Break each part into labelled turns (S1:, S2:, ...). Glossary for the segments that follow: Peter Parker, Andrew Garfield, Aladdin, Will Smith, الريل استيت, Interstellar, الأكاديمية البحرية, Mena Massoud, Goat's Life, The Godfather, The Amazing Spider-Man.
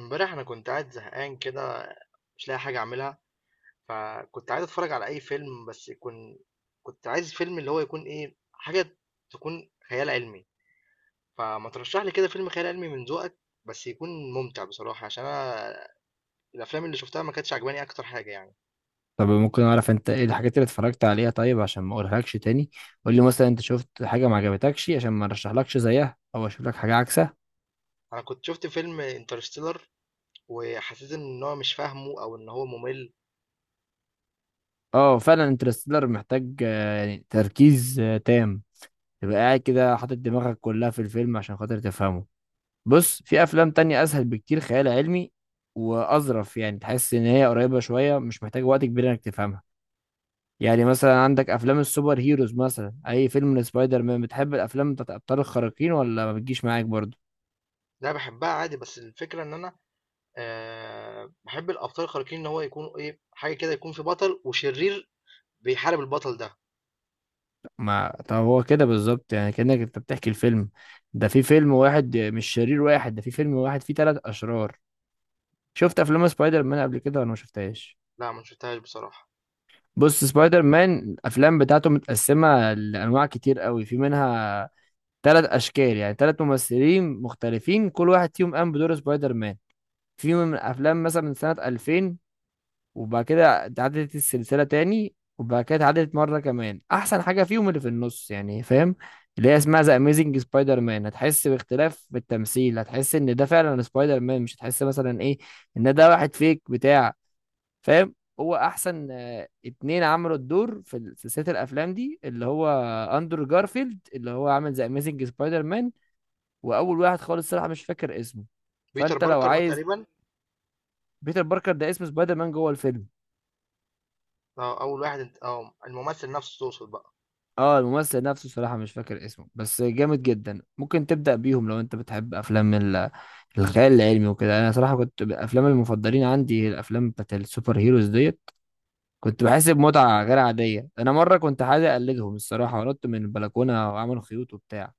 S1: امبارح انا كنت قاعد زهقان كده، مش لاقي حاجه اعملها. فكنت عايز اتفرج على اي فيلم بس يكون كنت عايز فيلم اللي هو يكون ايه حاجه تكون خيال علمي. فما ترشح لي كده فيلم خيال علمي من ذوقك، بس يكون ممتع بصراحه، عشان انا الافلام اللي شفتها ما كانتش عجباني اكتر حاجه يعني.
S2: طب ممكن اعرف انت ايه الحاجات اللي اتفرجت عليها طيب عشان ما اقولهالكش تاني؟ قول لي مثلا انت شفت حاجه ما عجبتكش عشان ما ارشحلكش زيها او اشوف لك حاجه عكسها.
S1: انا كنت شفت فيلم انترستيلر وحسيت ان هو مش فاهمه او ان هو ممل.
S2: اه فعلا انترستيلر محتاج يعني تركيز تام. تبقى قاعد كده حاطط دماغك كلها في الفيلم عشان خاطر تفهمه. بص، في افلام تانية اسهل بكتير خيال علمي واظرف، يعني تحس ان هي قريبه شويه، مش محتاج وقت كبير انك تفهمها. يعني مثلا عندك افلام السوبر هيروز، مثلا اي فيلم لسبايدر مان. بتحب الافلام بتاعت ابطال الخارقين ولا ما بتجيش معاك برضه؟
S1: لا بحبها عادي، بس الفكره ان انا، بحب الابطال الخارقين ان هو يكون ايه حاجه كده، يكون في بطل وشرير بيحارب البطل ده.
S2: ما طب هو كده بالظبط، يعني كأنك انت بتحكي الفيلم. ده في فيلم واحد مش شرير واحد، ده في فيلم واحد فيه ثلاث اشرار. شفت افلام سبايدر مان قبل كده ولا ما شفتهاش؟
S1: لأ ما شفتهاش بصراحة.
S2: بص، سبايدر مان الافلام بتاعته متقسمة لانواع كتير قوي، في منها ثلاث اشكال، يعني ثلاث ممثلين مختلفين، كل واحد فيهم قام بدور سبايدر مان. في من الافلام مثلا من سنة 2000، وبعد كده اتعادلت السلسلة تاني، وبعد كده اتعادلت مرة كمان. أحسن حاجة فيهم اللي في النص، يعني فاهم، اللي هي اسمها ذا أميزنج سبايدر مان. هتحس باختلاف بالتمثيل، هتحس إن ده فعلا سبايدر مان، مش هتحس مثلا إيه إن ده واحد فيك بتاع، فاهم. هو أحسن اتنين عملوا الدور في سلسلة الأفلام دي، اللي هو أندرو جارفيلد، اللي هو عامل ذا أميزنج سبايدر مان. وأول واحد خالص صراحة مش فاكر اسمه.
S1: بيتر
S2: فأنت لو
S1: باركر ده
S2: عايز.
S1: تقريبًا.
S2: بيتر باركر ده اسم سبايدر مان جوه الفيلم.
S1: أول واحد أنت، الممثل نفسه تقصد بقى.
S2: اه الممثل نفسه صراحة مش فاكر اسمه بس جامد جدا. ممكن تبدأ بيهم لو انت بتحب افلام الخيال العلمي وكده. انا صراحة كنت الافلام المفضلين عندي هي الافلام بتاعت السوبر هيروز ديت، كنت بحس بمتعة غير عادية. انا مرة كنت عايز اقلدهم الصراحة ونط من البلكونة وعملوا خيوط وبتاع.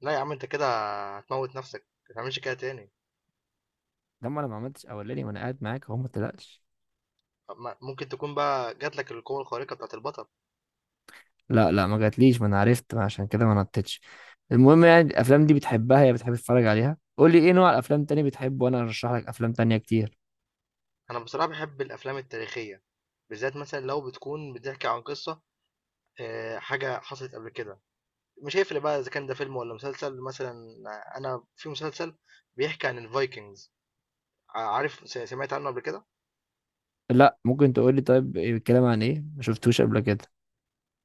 S1: لأ يا عم أنت كده هتموّت نفسك، ما تعملش كده تاني.
S2: ده ما انا ما عملتش اولاني وانا قاعد معاك اهو، ما تقلقش.
S1: ممكن تكون بقى جات لك القوة الخارقة بتاعة البطل.
S2: لا لا، ما جاتليش، ما انا عرفت، ما عشان كده ما نطتش. المهم يعني الافلام دي بتحبها يا بتحب تتفرج عليها؟ قول لي ايه نوع الافلام تاني بتحبه وانا ارشح لك افلام تانية كتير.
S1: أنا بصراحة باحب الأفلام التاريخية، بالذات مثلًا لو بتكون بتحكي عن قصة، حاجة حصلت قبل كده، مش هيفرق بقى إذا كان ده فيلم والّا مسلسل. مثلًا أنا في مسلسل بيحكي عن الvikings. عارف، سمعت عنه قبل كده؟
S2: لا، ممكن تقول لي طيب إيه الكلام عن ايه؟ ما شفتوش قبل كده.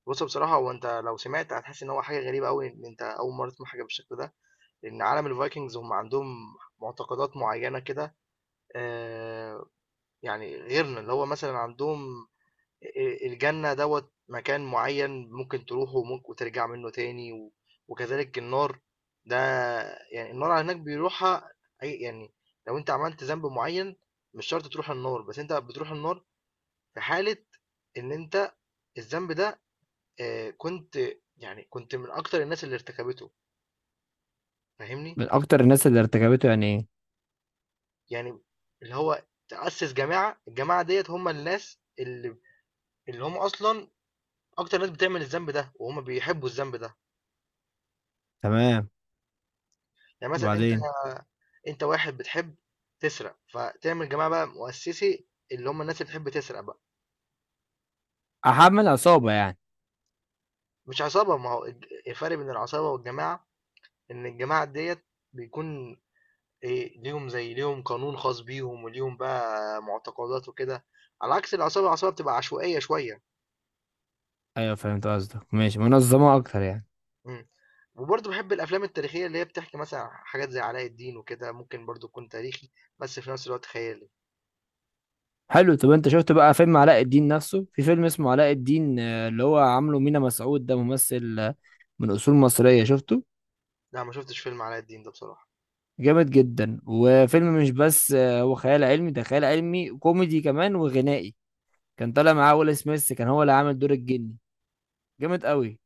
S1: بُص بصراحة هو أنت لو سمعت هتحس إن هو حاجة غريبة أوي، إن أنت أول مرّة تسمع حاجة بالشكل ده. لأن عالم الفايكنجز هم عندهم معتقدات معينة كده، آه، يعني غيرنا اللي هو مثلا عندهم الجنة دوت مكان معين ممكن تروحه وممكن وترجع منه تاني وكذلك النار. ده يعني النار هناك بيروحها. أي يعني لو انت عملت ذنب معين مش شرط تروح النار، بس انت بتروح النار في حالة ان انت الذنب ده، آه، كنت كنت من اكتر الناس اللي ارتكبته، فاهمني؟
S2: من اكتر الناس اللي ارتكبته يعني ايه؟
S1: يعني اللي هو تأسس جماعة، الجماعة ديت هم الناس اللي اللي هم أصلا أكتر ناس بتعمل الذنب ده وهم بيحبوا الذنب ده.
S2: تمام.
S1: يعني مثلا أنت،
S2: وبعدين.
S1: أنت واحد بتحب تسرق، فتعمل جماعة بقى مؤسسي اللي هم الناس اللي بتحب تسرق بقى.
S2: احمل عصابة يعني.
S1: مش عصابة، ما هو الفرق بين العصابة والجماعة إن الجماعة ديت بيكون إيه ليهم، زي ليهم قانون خاص بيهم وليهم بقى معتقدات وكده، على عكس العصابة. العصابة بتبقى عشوائية شوية.
S2: ايوه فهمت قصدك، ماشي، منظمة اكتر يعني.
S1: إمم. وبرضه بحب الافلام التاريخيه اللي هي بتحكي مثلا حاجات زي علاء الدين وكده، ممكن برضه يكون تاريخي بس في نفس الوقت خيالي.
S2: حلو. طب انت شفت بقى فيلم علاء الدين نفسه؟ في فيلم اسمه علاء الدين اللي هو عامله مينا مسعود، ده ممثل من اصول مصرية، شفته؟
S1: لا ما شفتش فيلم علاء الدين ده بصراحه.
S2: جامد جدا. وفيلم مش بس هو خيال علمي، ده خيال علمي كوميدي كمان وغنائي. كان طالع معاه ويل سميث، كان هو اللي عامل دور الجني. جامد قوي.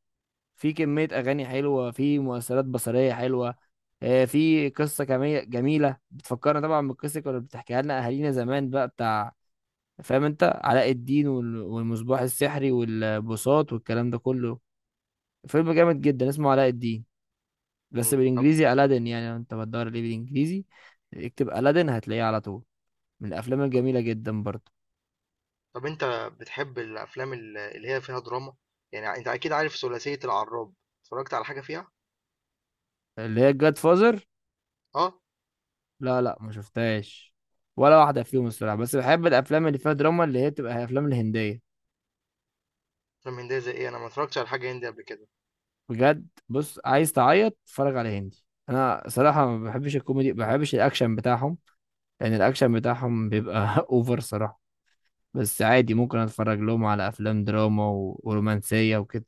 S2: في كمية أغاني حلوة، في مؤثرات بصرية حلوة. في قصة كمية جميلة، بتفكرنا طبعا بالقصة اللي كانوا بتحكيها لنا أهالينا زمان بقى بتاع، فاهم؟ أنت علاء الدين والمصباح السحري والبساط والكلام ده كله. فيلم جامد جدا اسمه علاء الدين، بس
S1: مم. طب
S2: بالإنجليزي ألادين. يعني لو أنت بتدور ليه بالإنجليزي اكتب ألادين هتلاقيه على طول. من الأفلام الجميلة جدا برضه.
S1: انت بتحب الافلام اللي هي فيها دراما، يعني انت اكيد عارف ثلاثيه العراب، اتفرجت على حاجه فيها؟
S2: اللي هي الجاد فازر؟
S1: اه.
S2: لا لا، ما شفتهاش، ولا واحدة فيهم الصراحة. بس بحب الأفلام اللي فيها دراما، اللي هي بتبقى أفلام الهندية.
S1: افلام هنديه زي ايه؟ انا ما اتفرجتش على حاجه هندي قبل كده.
S2: بجد، بص، عايز تعيط اتفرج على هندي. انا صراحه ما بحبش الكوميدي، ما بحبش الاكشن بتاعهم، لان الاكشن بتاعهم بيبقى اوفر صراحه. بس عادي ممكن اتفرج لهم على افلام دراما ورومانسيه وكده.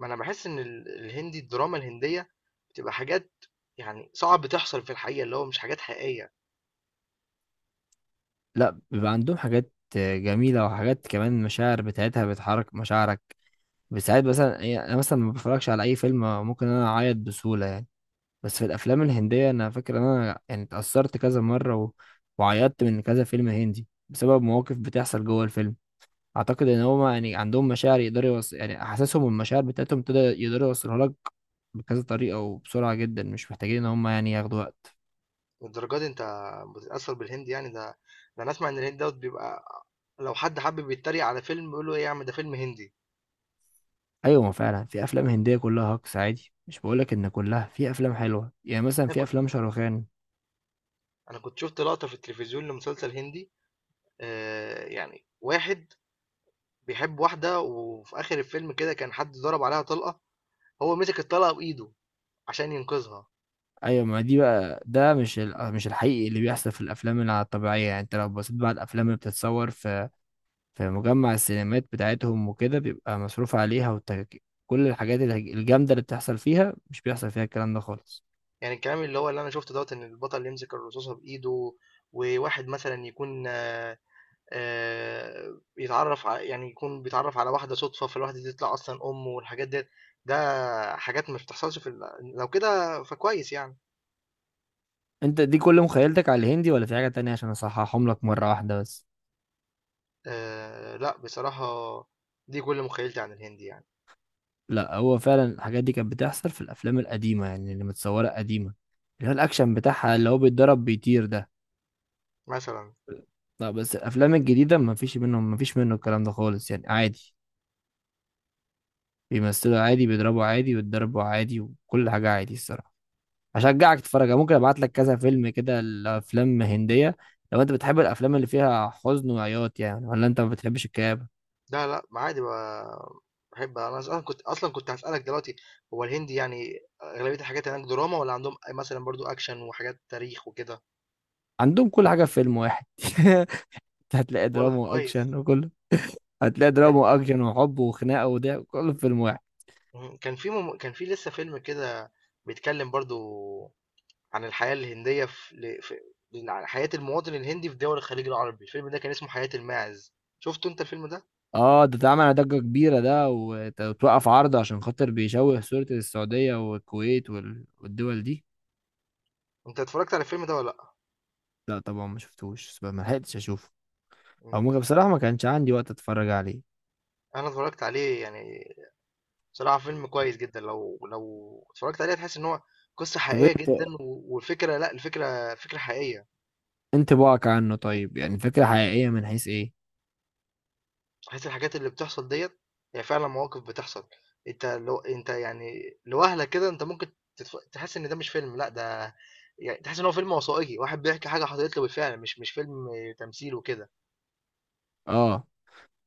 S1: ما انا بحس ان الهندي الدراما الهنديه بتبقى حاجات يعني صعب تحصل في الحقيقه، اللي هو مش حاجات حقيقيه
S2: لا، بيبقى عندهم حاجات جميله، وحاجات كمان مشاعر بتاعتها بتحرك مشاعرك بساعات. مثلا يعني انا مثلا ما بتفرجش على اي فيلم، ممكن انا اعيط بسهوله يعني، بس في الافلام الهنديه انا فاكر ان انا يعني اتاثرت كذا مره، وعيطت من كذا فيلم هندي بسبب مواقف بتحصل جوه الفيلم. اعتقد ان هما يعني عندهم مشاعر يقدروا يعني احساسهم والمشاعر بتاعتهم ابتدى يقدروا يوصلوها لك بكذا طريقه وبسرعه جدا، مش محتاجين ان هما يعني ياخدوا وقت.
S1: للدرجه دي. انت بتتاثر بالهندي يعني؟ ده انا اسمع ان الهند دوت بيبقى لو حد حابب يتريق على فيلم يقول له ايه يا عم ده فيلم هندي.
S2: ايوه، ما فعلا في افلام هنديه كلها هكس عادي، مش بقولك ان كلها، في افلام حلوه يعني مثلا
S1: انا
S2: في
S1: كنت
S2: افلام شاروخان.
S1: انا كنت شفت لقطة في التلفزيون لمسلسل هندي، يعني واحد بيحب واحدة، وفي اخر الفيلم كده كان حد ضرب عليها طلقة، هو مسك الطلقة بايده عشان ينقذها.
S2: ايوه، ما دي بقى، ده مش الحقيقي اللي بيحصل في الافلام، اللي على الطبيعيه يعني. انت لو بصيت بقى على الافلام اللي بتتصور في في مجمع السينمات بتاعتهم وكده بيبقى مصروف عليها كل الحاجات الجامده اللي بتحصل فيها مش بيحصل فيها الكلام ده خالص.
S1: يعني الكلام اللي هو اللي انا شفته دوت ان البطل يمسك الرصاصة بايده، وواحد مثلا يكون يعني يكون بيتعرف على واحدة صدفة، فالواحدة دي تطلع اصلا امه والحاجات ديت. ده حاجات ما بتحصلش في لو كده فكويس يعني.
S2: انت دي كل مخيلتك على الهندي ولا في حاجة تانية عشان اصححهم لك مرة واحدة بس؟
S1: آه لا بصراحة، دي كل مخيلتي عن الهند يعني.
S2: لا، هو فعلا الحاجات دي كانت بتحصل في الافلام القديمة، يعني اللي متصورة قديمة، اللي هو الاكشن بتاعها اللي هو بيتضرب بيطير ده.
S1: مثلا،
S2: لا، بس الافلام الجديدة ما فيش منهم، ما فيش منه الكلام ده خالص، يعني عادي بيمثلوا عادي، بيضربوا عادي، ويتضربوا عادي، وكل حاجة عادي الصراحة. هشجعك تتفرج، ممكن ابعت لك كذا فيلم كده الافلام هندية. لو انت بتحب الافلام اللي فيها حزن وعياط يعني، ولا انت ما بتحبش الكآبة؟
S1: لا لا، ما عادي بقى. بحب، انا اصلا كنت هسألك دلوقتي، هو الهندي يعني اغلبية الحاجات هناك دراما، ولا عندهم مثلا برضو اكشن وحاجات تاريخ وكده؟
S2: عندهم كل حاجة في فيلم واحد. هتلاقي دراما
S1: والله كويس.
S2: واكشن وكله. هتلاقي دراما واكشن وحب وخناقه، وده كله في فيلم واحد.
S1: مم. كان في لسه فيلم كده بيتكلم برضو عن الحياة الهندية، عن حياة المواطن الهندي في دول الخليج العربي، الفيلم ده كان اسمه حياة الماعز. شفته انت الفيلم ده؟
S2: اه ده اتعمل ضجه كبيره، ده وتوقف عرض عشان خاطر بيشوه صوره السعوديه والكويت والدول دي.
S1: انت اتفرجت على الفيلم ده ولا لا؟
S2: لا طبعا ما شفتوش، بس ما لحقتش اشوفه،
S1: مم.
S2: او ممكن بصراحه ما كانش عندي وقت اتفرج عليه.
S1: انا اتفرجت عليه يعني. بصراحة فيلم كويس جدا، لو اتفرجت عليه هتحس ان هو قصة
S2: طب
S1: حقيقية
S2: انت
S1: جدا و- والفكرة لا الفكرة فكرة حقيقية.
S2: انت بقى عنه طيب، يعني فكره حقيقيه من حيث ايه؟
S1: تحس الحاجات اللي بتحصل ديت هي فعلا مواقف بتحصل. انت يعني لوهلة كده انت ممكن تحس ان ده مش فيلم، لا ده يعني تحس ان هو فيلم وثائقي، واحد بيحكي حاجة حصلت له بالفعل، مش فيلم تمثيل وكده.
S2: اه،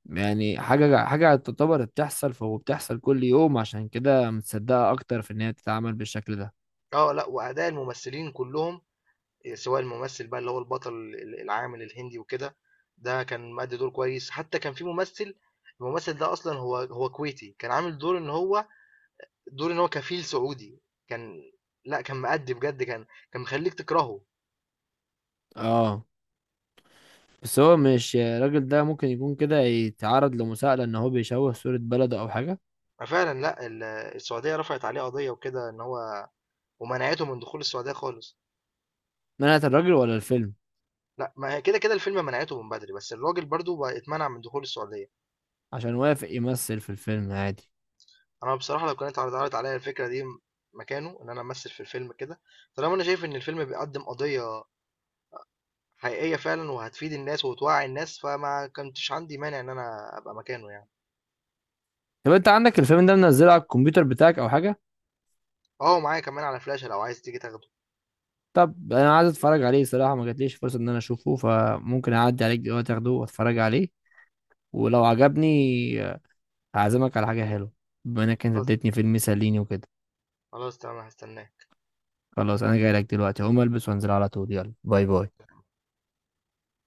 S2: يعني حاجه حاجه تعتبر بتحصل، فهو بتحصل كل يوم، عشان كده متصدقه اكتر في ان هي تتعمل بالشكل ده.
S1: اه لا، وأداء الممثلين كلهم، سواء الممثل بقى اللي هو البطل العامل الهندي وكده، ده كان مأدي دور كويس. حتى كان في ممثل، الممثل ده اصلا هو كويتي، كان عامل دور ان هو دور ان هو كفيل سعودي، كان لا كان مأدي بجد، كان مخليك تكرهه.
S2: اه. بس هو مش الراجل ده ممكن يكون كده يتعرض لمساءلة ان هو بيشوه صورة بلده او حاجة؟
S1: فعلا لا، السعودية رفعت عليه قضية وكده ان هو ومنعته من دخول السعودية خالص.
S2: منعت الراجل ولا الفيلم؟
S1: لا ما هي كده كده الفيلم منعته من بدري، بس الراجل برضو بقى اتمنع من دخول السعودية.
S2: عشان وافق يمثل في الفيلم عادي.
S1: انا بصراحه لو كانت اتعرضت عليا الفكره دي مكانه ان انا امثل في الفيلم كده، طالما انا شايف ان الفيلم بيقدم قضيه حقيقيه فعلا وهتفيد الناس وتوعي الناس، فما كنتش عندي مانع ان انا ابقى مكانه يعني.
S2: طب انت عندك الفيلم ده منزله على الكمبيوتر بتاعك او حاجة؟
S1: اه معايا كمان على فلاشه، لو عايز تيجي تاخده.
S2: طب انا عايز اتفرج عليه، صراحة ما جاتليش فرصة ان انا اشوفه، فممكن اعدي عليك دلوقتي اخده واتفرج عليه. ولو عجبني هعزمك على حاجة حلوة بما انك انت
S1: خلاص،
S2: اديتني فيلم يسليني وكده.
S1: خلاص تمام، هستناك.
S2: خلاص انا جاي لك دلوقتي، هقوم البس وانزل على طول. يلا باي باي.